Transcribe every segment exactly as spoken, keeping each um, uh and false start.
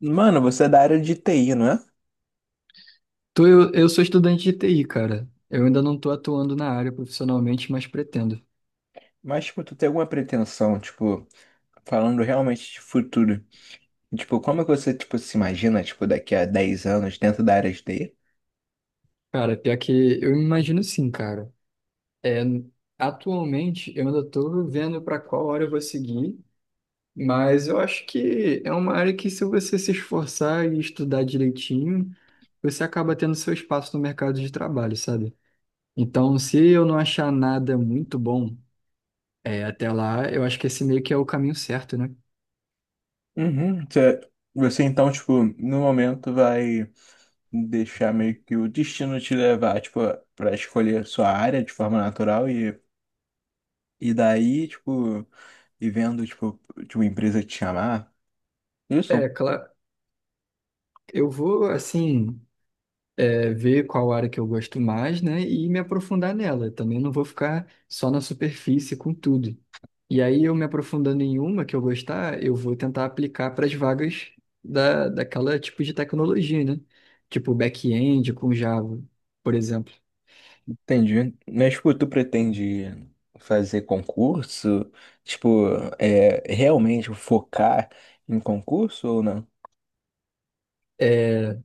Mano, você é da área de T I, não é? tu eu, eu sou estudante de T I, cara. Eu ainda não tô atuando na área profissionalmente, mas pretendo. Mas, tipo, tu tem alguma pretensão, tipo, falando realmente de futuro? Tipo, como é que você, tipo, se imagina, tipo, daqui a dez anos dentro da área de T I? Cara, pior que eu imagino sim, cara. É, atualmente eu ainda tô vendo para qual área eu vou seguir, mas eu acho que é uma área que se você se esforçar e estudar direitinho, você acaba tendo seu espaço no mercado de trabalho, sabe? Então, se eu não achar nada muito bom, é, até lá, eu acho que esse meio que é o caminho certo, né? Uhum, você, você então, tipo, no momento vai deixar meio que o destino te levar, tipo, pra escolher sua área de forma natural e, e daí, tipo, e vendo, tipo, de uma empresa te chamar. É, Isso? claro. Eu vou, assim. É, ver qual área que eu gosto mais, né, e me aprofundar nela. Também não vou ficar só na superfície com tudo. E aí, eu me aprofundando em uma que eu gostar, eu vou tentar aplicar para as vagas da, daquela tipo de tecnologia, né? Tipo back-end com Java, por exemplo. Entendi. Mas, tipo, tu pretende fazer concurso? Tipo, é, realmente focar em concurso ou não? É,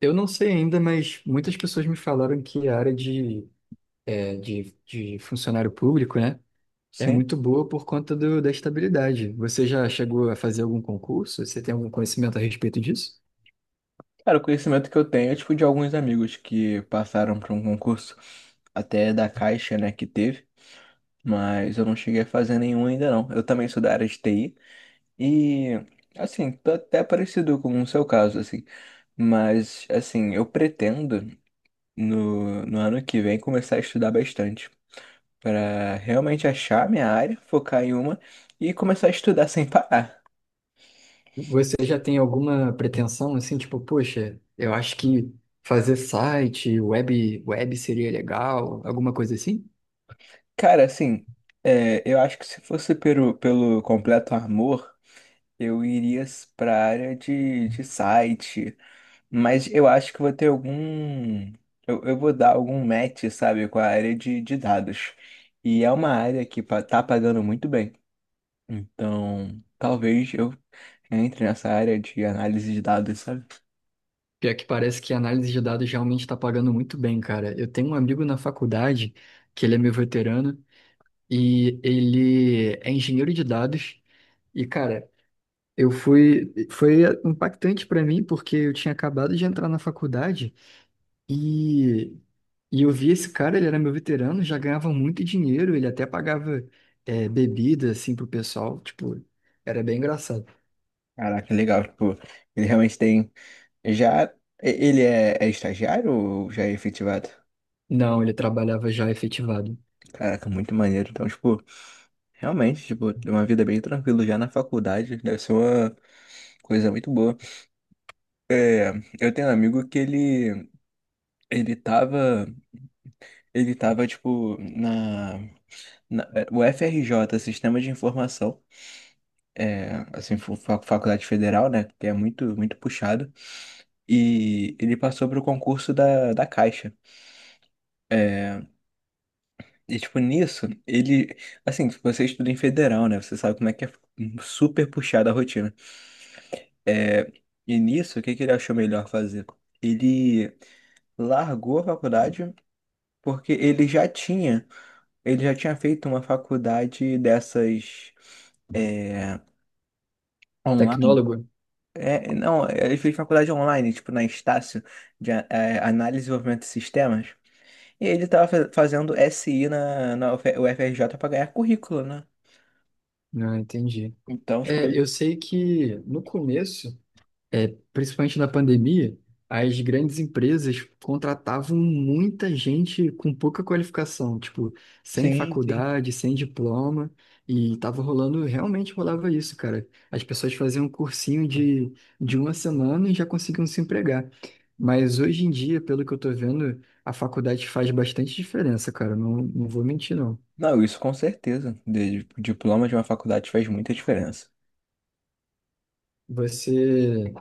Eu não sei ainda, mas muitas pessoas me falaram que a área de, é, de, de funcionário público, né, é Sim. muito boa por conta do, da estabilidade. Você já chegou a fazer algum concurso? Você tem algum conhecimento a respeito disso? Cara, o conhecimento que eu tenho é, tipo, de alguns amigos que passaram por um concurso até da Caixa, né, que teve, mas eu não cheguei a fazer nenhum ainda não. Eu também sou da área de T I e, assim, tô até parecido com o seu caso, assim, mas, assim, eu pretendo no, no ano que vem começar a estudar bastante, para realmente achar a minha área, focar em uma e começar a estudar sem parar. Você já tem alguma pretensão assim, tipo, poxa, eu acho que fazer site, web, web seria legal, alguma coisa assim? Cara, assim, é, eu acho que se fosse pelo, pelo completo amor, eu iria para a área de, de site, mas eu acho que vou ter algum. Eu, eu vou dar algum match, sabe, com a área de, de dados. E é uma área que pa- tá pagando muito bem. Então, talvez eu entre nessa área de análise de dados, sabe? Pior que parece que a análise de dados realmente está pagando muito bem, cara. Eu tenho um amigo na faculdade, que ele é meu veterano, e ele é engenheiro de dados. E, cara, eu fui. Foi impactante pra mim, porque eu tinha acabado de entrar na faculdade e, e eu vi esse cara, ele era meu veterano, já ganhava muito dinheiro, ele até pagava é, bebida, assim, pro pessoal. Tipo, era bem engraçado. Caraca, legal. Tipo, ele realmente tem. Já. Ele é, é estagiário ou já é efetivado? Não, ele trabalhava já efetivado. Caraca, muito maneiro. Então, tipo, realmente, tipo, tem uma vida bem tranquila já na faculdade. Deve ser uma coisa muito boa. É, eu tenho um amigo que ele. Ele tava. Ele tava, tipo, na. Na é, o F R J, Sistema de Informação. É, assim, fu- fa- faculdade federal, né? Que é muito, muito puxado. E ele passou pro concurso da, da Caixa. É, e, tipo, nisso, ele. Assim, você estuda em federal, né? Você sabe como é que é super puxada a rotina. E nisso, o que que ele achou melhor fazer? Ele largou a faculdade porque ele já tinha. Ele já tinha feito uma faculdade dessas. é, online. Tecnólogo? É, não, ele fez faculdade online, tipo, na Estácio, de a- é, análise e desenvolvimento de sistemas. E ele tava fa- fazendo S I na, na U F R J para ganhar currículo, né? Não, entendi. Então, tipo, É, ele- eu sei que no começo. É, Principalmente na pandemia, as grandes empresas contratavam muita gente com pouca qualificação, tipo, sem Sim, sim. faculdade, sem diploma, e tava rolando, realmente rolava isso, cara. As pessoas faziam um cursinho de, de uma semana e já conseguiam se empregar. Mas hoje em dia, pelo que eu tô vendo, a faculdade faz bastante diferença, cara. Não, não vou mentir, não. Não, isso com certeza. De- de- Diploma de uma faculdade faz muita diferença. Você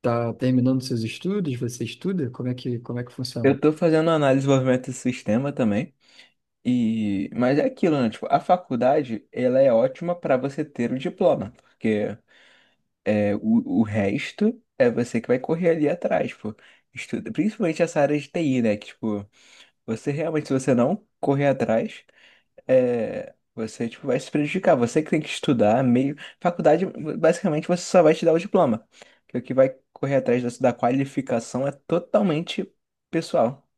tá terminando seus estudos? Você estuda? Como é que, como é que funciona? Eu tô fazendo análise de desenvolvimento do sistema também, e mas é aquilo, né? Tipo, a faculdade, ela é ótima para você ter o diploma, porque é, o, o resto é você que vai correr ali atrás, pô. Estuda, principalmente essa área de T I, né? Que, tipo, você realmente, se você não correr atrás, é, você tipo, vai se prejudicar. Você que tem que estudar meio. Faculdade, basicamente, você só vai te dar o diploma. Que o que vai correr atrás dessa- da qualificação é totalmente pessoal.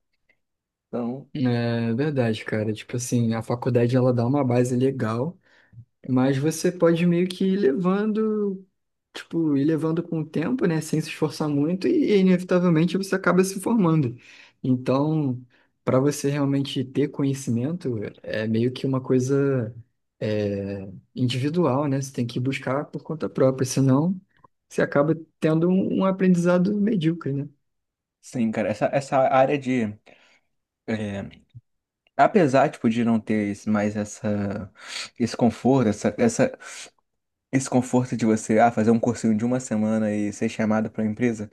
Então, É verdade, cara. Tipo assim, a faculdade ela dá uma base legal, mas você pode meio que ir levando, tipo, ir levando com o tempo, né? Sem se esforçar muito e inevitavelmente você acaba se formando. Então, para você realmente ter conhecimento, é meio que uma coisa é, individual, né? Você tem que buscar por conta própria, senão você acaba tendo um, um aprendizado medíocre, né? sim, cara, essa, essa área de. é, apesar, tipo, de não ter esse- mais essa, esse conforto, essa, essa, esse conforto de você ah, fazer um cursinho de uma semana e ser chamado para uma empresa.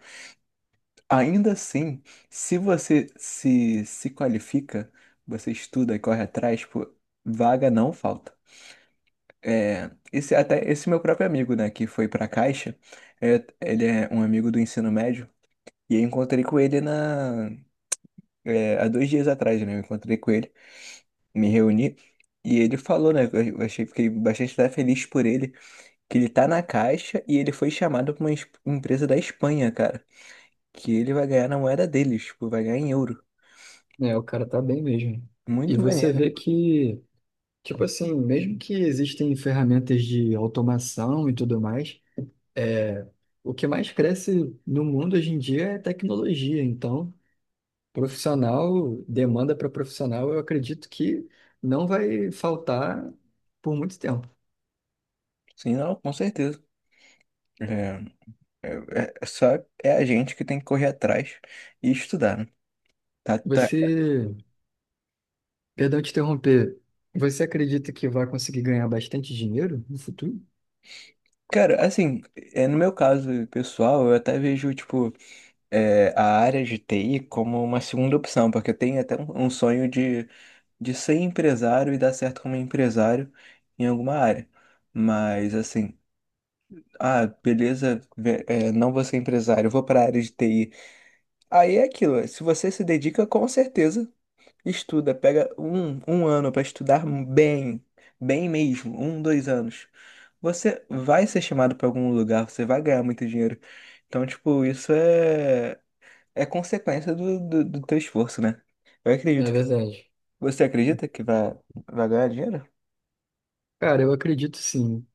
Ainda assim, se você se, se qualifica, você estuda e corre atrás, pô, vaga não falta. É, esse, até esse meu próprio amigo, né, que foi pra Caixa, é, ele é um amigo do ensino médio, e eu encontrei com ele na, é, há dois dias atrás, né, eu encontrei com ele, me reuni, e ele falou, né, eu eu achei, fiquei bastante até feliz por ele, que ele tá na Caixa e ele foi chamado pra uma es- empresa da Espanha, cara, que ele vai ganhar na moeda deles, tipo, vai ganhar em euro. É, o cara tá bem mesmo. E Muito você maneiro. vê que tipo assim, mesmo que existem ferramentas de automação e tudo mais, o que mais cresce no mundo hoje em dia é tecnologia. Então, profissional, demanda para profissional, eu acredito que não vai faltar por muito tempo. Sim, não, com certeza. É, é, é é só é a gente que tem que correr atrás e estudar, né? Tá, tá. Você, perdão te interromper, você acredita que vai conseguir ganhar bastante dinheiro no futuro? Cara, assim, é, no meu caso pessoal, eu até vejo, tipo, é, a área de T I como uma segunda opção, porque eu tenho até um, um sonho de, de ser empresário e dar certo como empresário em alguma área. Mas, assim, ah, beleza, ve- é, não vou ser empresário, eu vou para a área de T I. Aí é aquilo, se você se dedica, com certeza. Estuda, pega um, um ano para estudar bem, bem mesmo, um, dois anos. Você vai ser chamado para algum lugar, você vai ganhar muito dinheiro. Então, tipo, isso é, é consequência do, do, do teu esforço, né? Eu acredito É que. verdade. Você acredita que vai, vai ganhar dinheiro? Cara, eu acredito sim.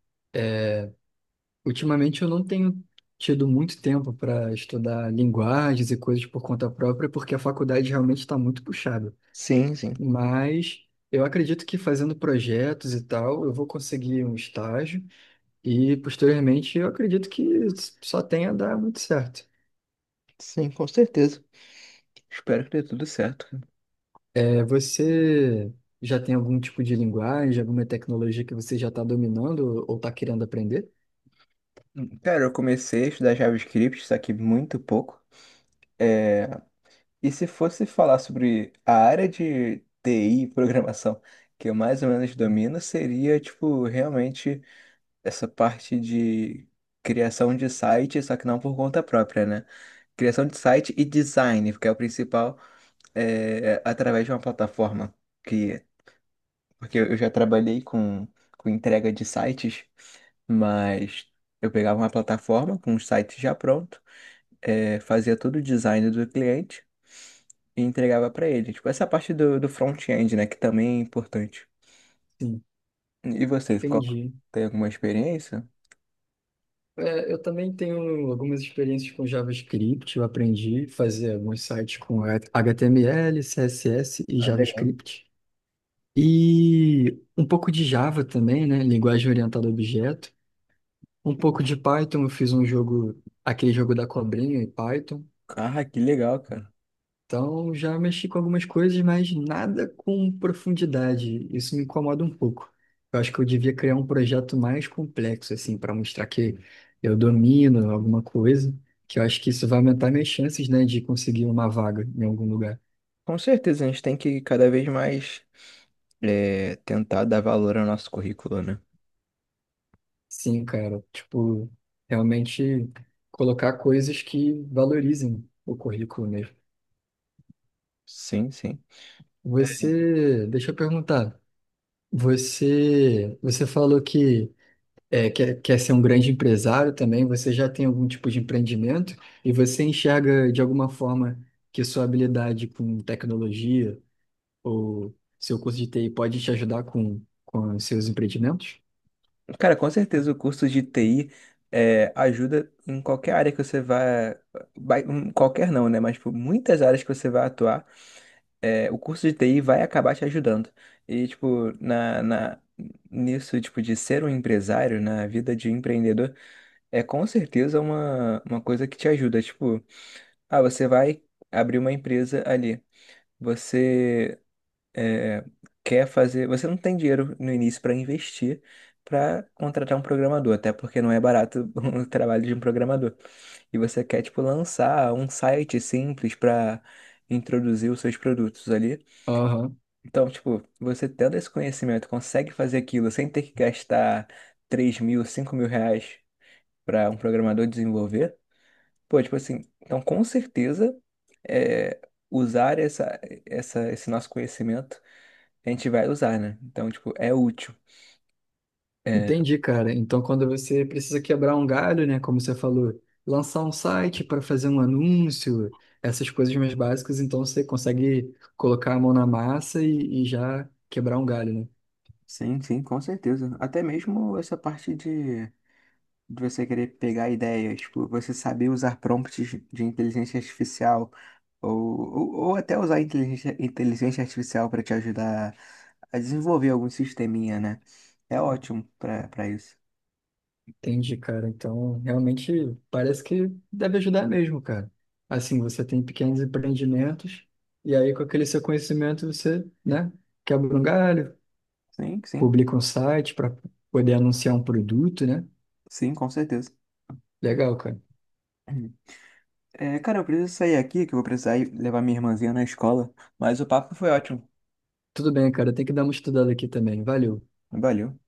Ultimamente eu não tenho tido muito tempo para estudar linguagens e coisas por conta própria, porque a faculdade realmente está muito puxada. Sim, sim. Mas eu acredito que fazendo projetos e tal, eu vou conseguir um estágio e posteriormente eu acredito que só tenha a dar muito certo. Sim, com certeza. Espero que dê tudo certo. É, você já tem algum tipo de linguagem, alguma tecnologia que você já está dominando ou está querendo aprender? Cara, eu comecei a estudar JavaScript, só que muito pouco. É, E se fosse falar sobre a área de T I, e programação, que eu mais ou menos domino, seria, tipo, realmente essa parte de criação de site, só que não por conta própria, né? Criação de site e design, porque é o principal, é, através de uma plataforma que... Porque eu já trabalhei com, com entrega de sites, mas eu pegava uma plataforma com um site já pronto, é, fazia todo o design do cliente e entregava para ele. Tipo, essa parte do, do front-end, né, que também é importante. Sim, E vocês, qual, entendi. tem alguma experiência? É, eu também tenho algumas experiências com JavaScript. Eu aprendi a fazer alguns sites com H T M L, C S S e Ah, legal. JavaScript. E um pouco de Java também, né? Linguagem orientada a objeto. Um pouco de Python. Eu fiz um jogo, aquele jogo da cobrinha em Python. Ah, que legal, cara. Então, já mexi com algumas coisas, mas nada com profundidade. Isso me incomoda um pouco. Eu acho que eu devia criar um projeto mais complexo, assim, para mostrar que eu domino alguma coisa, que eu acho que isso vai aumentar minhas chances, né, de conseguir uma vaga em algum lugar. Com certeza, a gente tem que cada vez mais é, tentar dar valor ao nosso currículo, né? Sim, cara, tipo, realmente colocar coisas que valorizem o currículo mesmo. Sim, sim. Você, deixa eu perguntar, você, você falou que é, quer, quer ser um grande empresário também, você já tem algum tipo de empreendimento e você enxerga de alguma forma que sua habilidade com tecnologia ou seu curso de T I pode te ajudar com, com os seus empreendimentos? Cara, com certeza o curso de T I é, ajuda em qualquer área que você vá, vai- em qualquer não, né? Mas por muitas áreas que você vai atuar, é, o curso de T I vai acabar te ajudando. E, tipo, na, na, nisso, tipo, de ser um empresário, na vida de empreendedor, é com certeza uma, uma coisa que te ajuda. Tipo, ah, você vai abrir uma empresa ali. Você é, quer fazer. Você não tem dinheiro no início para investir. Para contratar um programador, até porque não é barato o trabalho de um programador. E você quer, tipo, lançar um site simples para introduzir os seus produtos ali. Aham. Então, tipo, você tendo esse conhecimento, consegue fazer aquilo sem ter que gastar três mil, cinco mil reais para um programador desenvolver? Pô, tipo assim, então com certeza é, usar essa, essa, esse nosso conhecimento a gente vai usar, né? Então, tipo, é útil. É, Entendi, cara. Então, quando você precisa quebrar um galho, né, como você falou, lançar um site para fazer um anúncio, essas coisas mais básicas, então você consegue colocar a mão na massa e, e já quebrar um galho, né? sim, sim, com certeza. Até mesmo essa parte de de você querer pegar ideias, tipo, você saber usar prompts de inteligência artificial ou, ou, ou até usar inteligência, inteligência artificial para te ajudar a desenvolver algum sisteminha, né? É ótimo para para isso. Entendi, cara. Então, realmente parece que deve ajudar mesmo, cara. Assim, você tem pequenos empreendimentos e aí com aquele seu conhecimento você, né, quebra um galho, Sim, sim, publica um site para poder anunciar um produto, né? sim, com certeza. Legal, cara. É, cara, eu preciso sair aqui, que eu vou precisar ir levar minha irmãzinha na escola, mas o papo foi ótimo. Tudo bem, cara. Tem que dar uma estudada aqui também. Valeu. Valeu.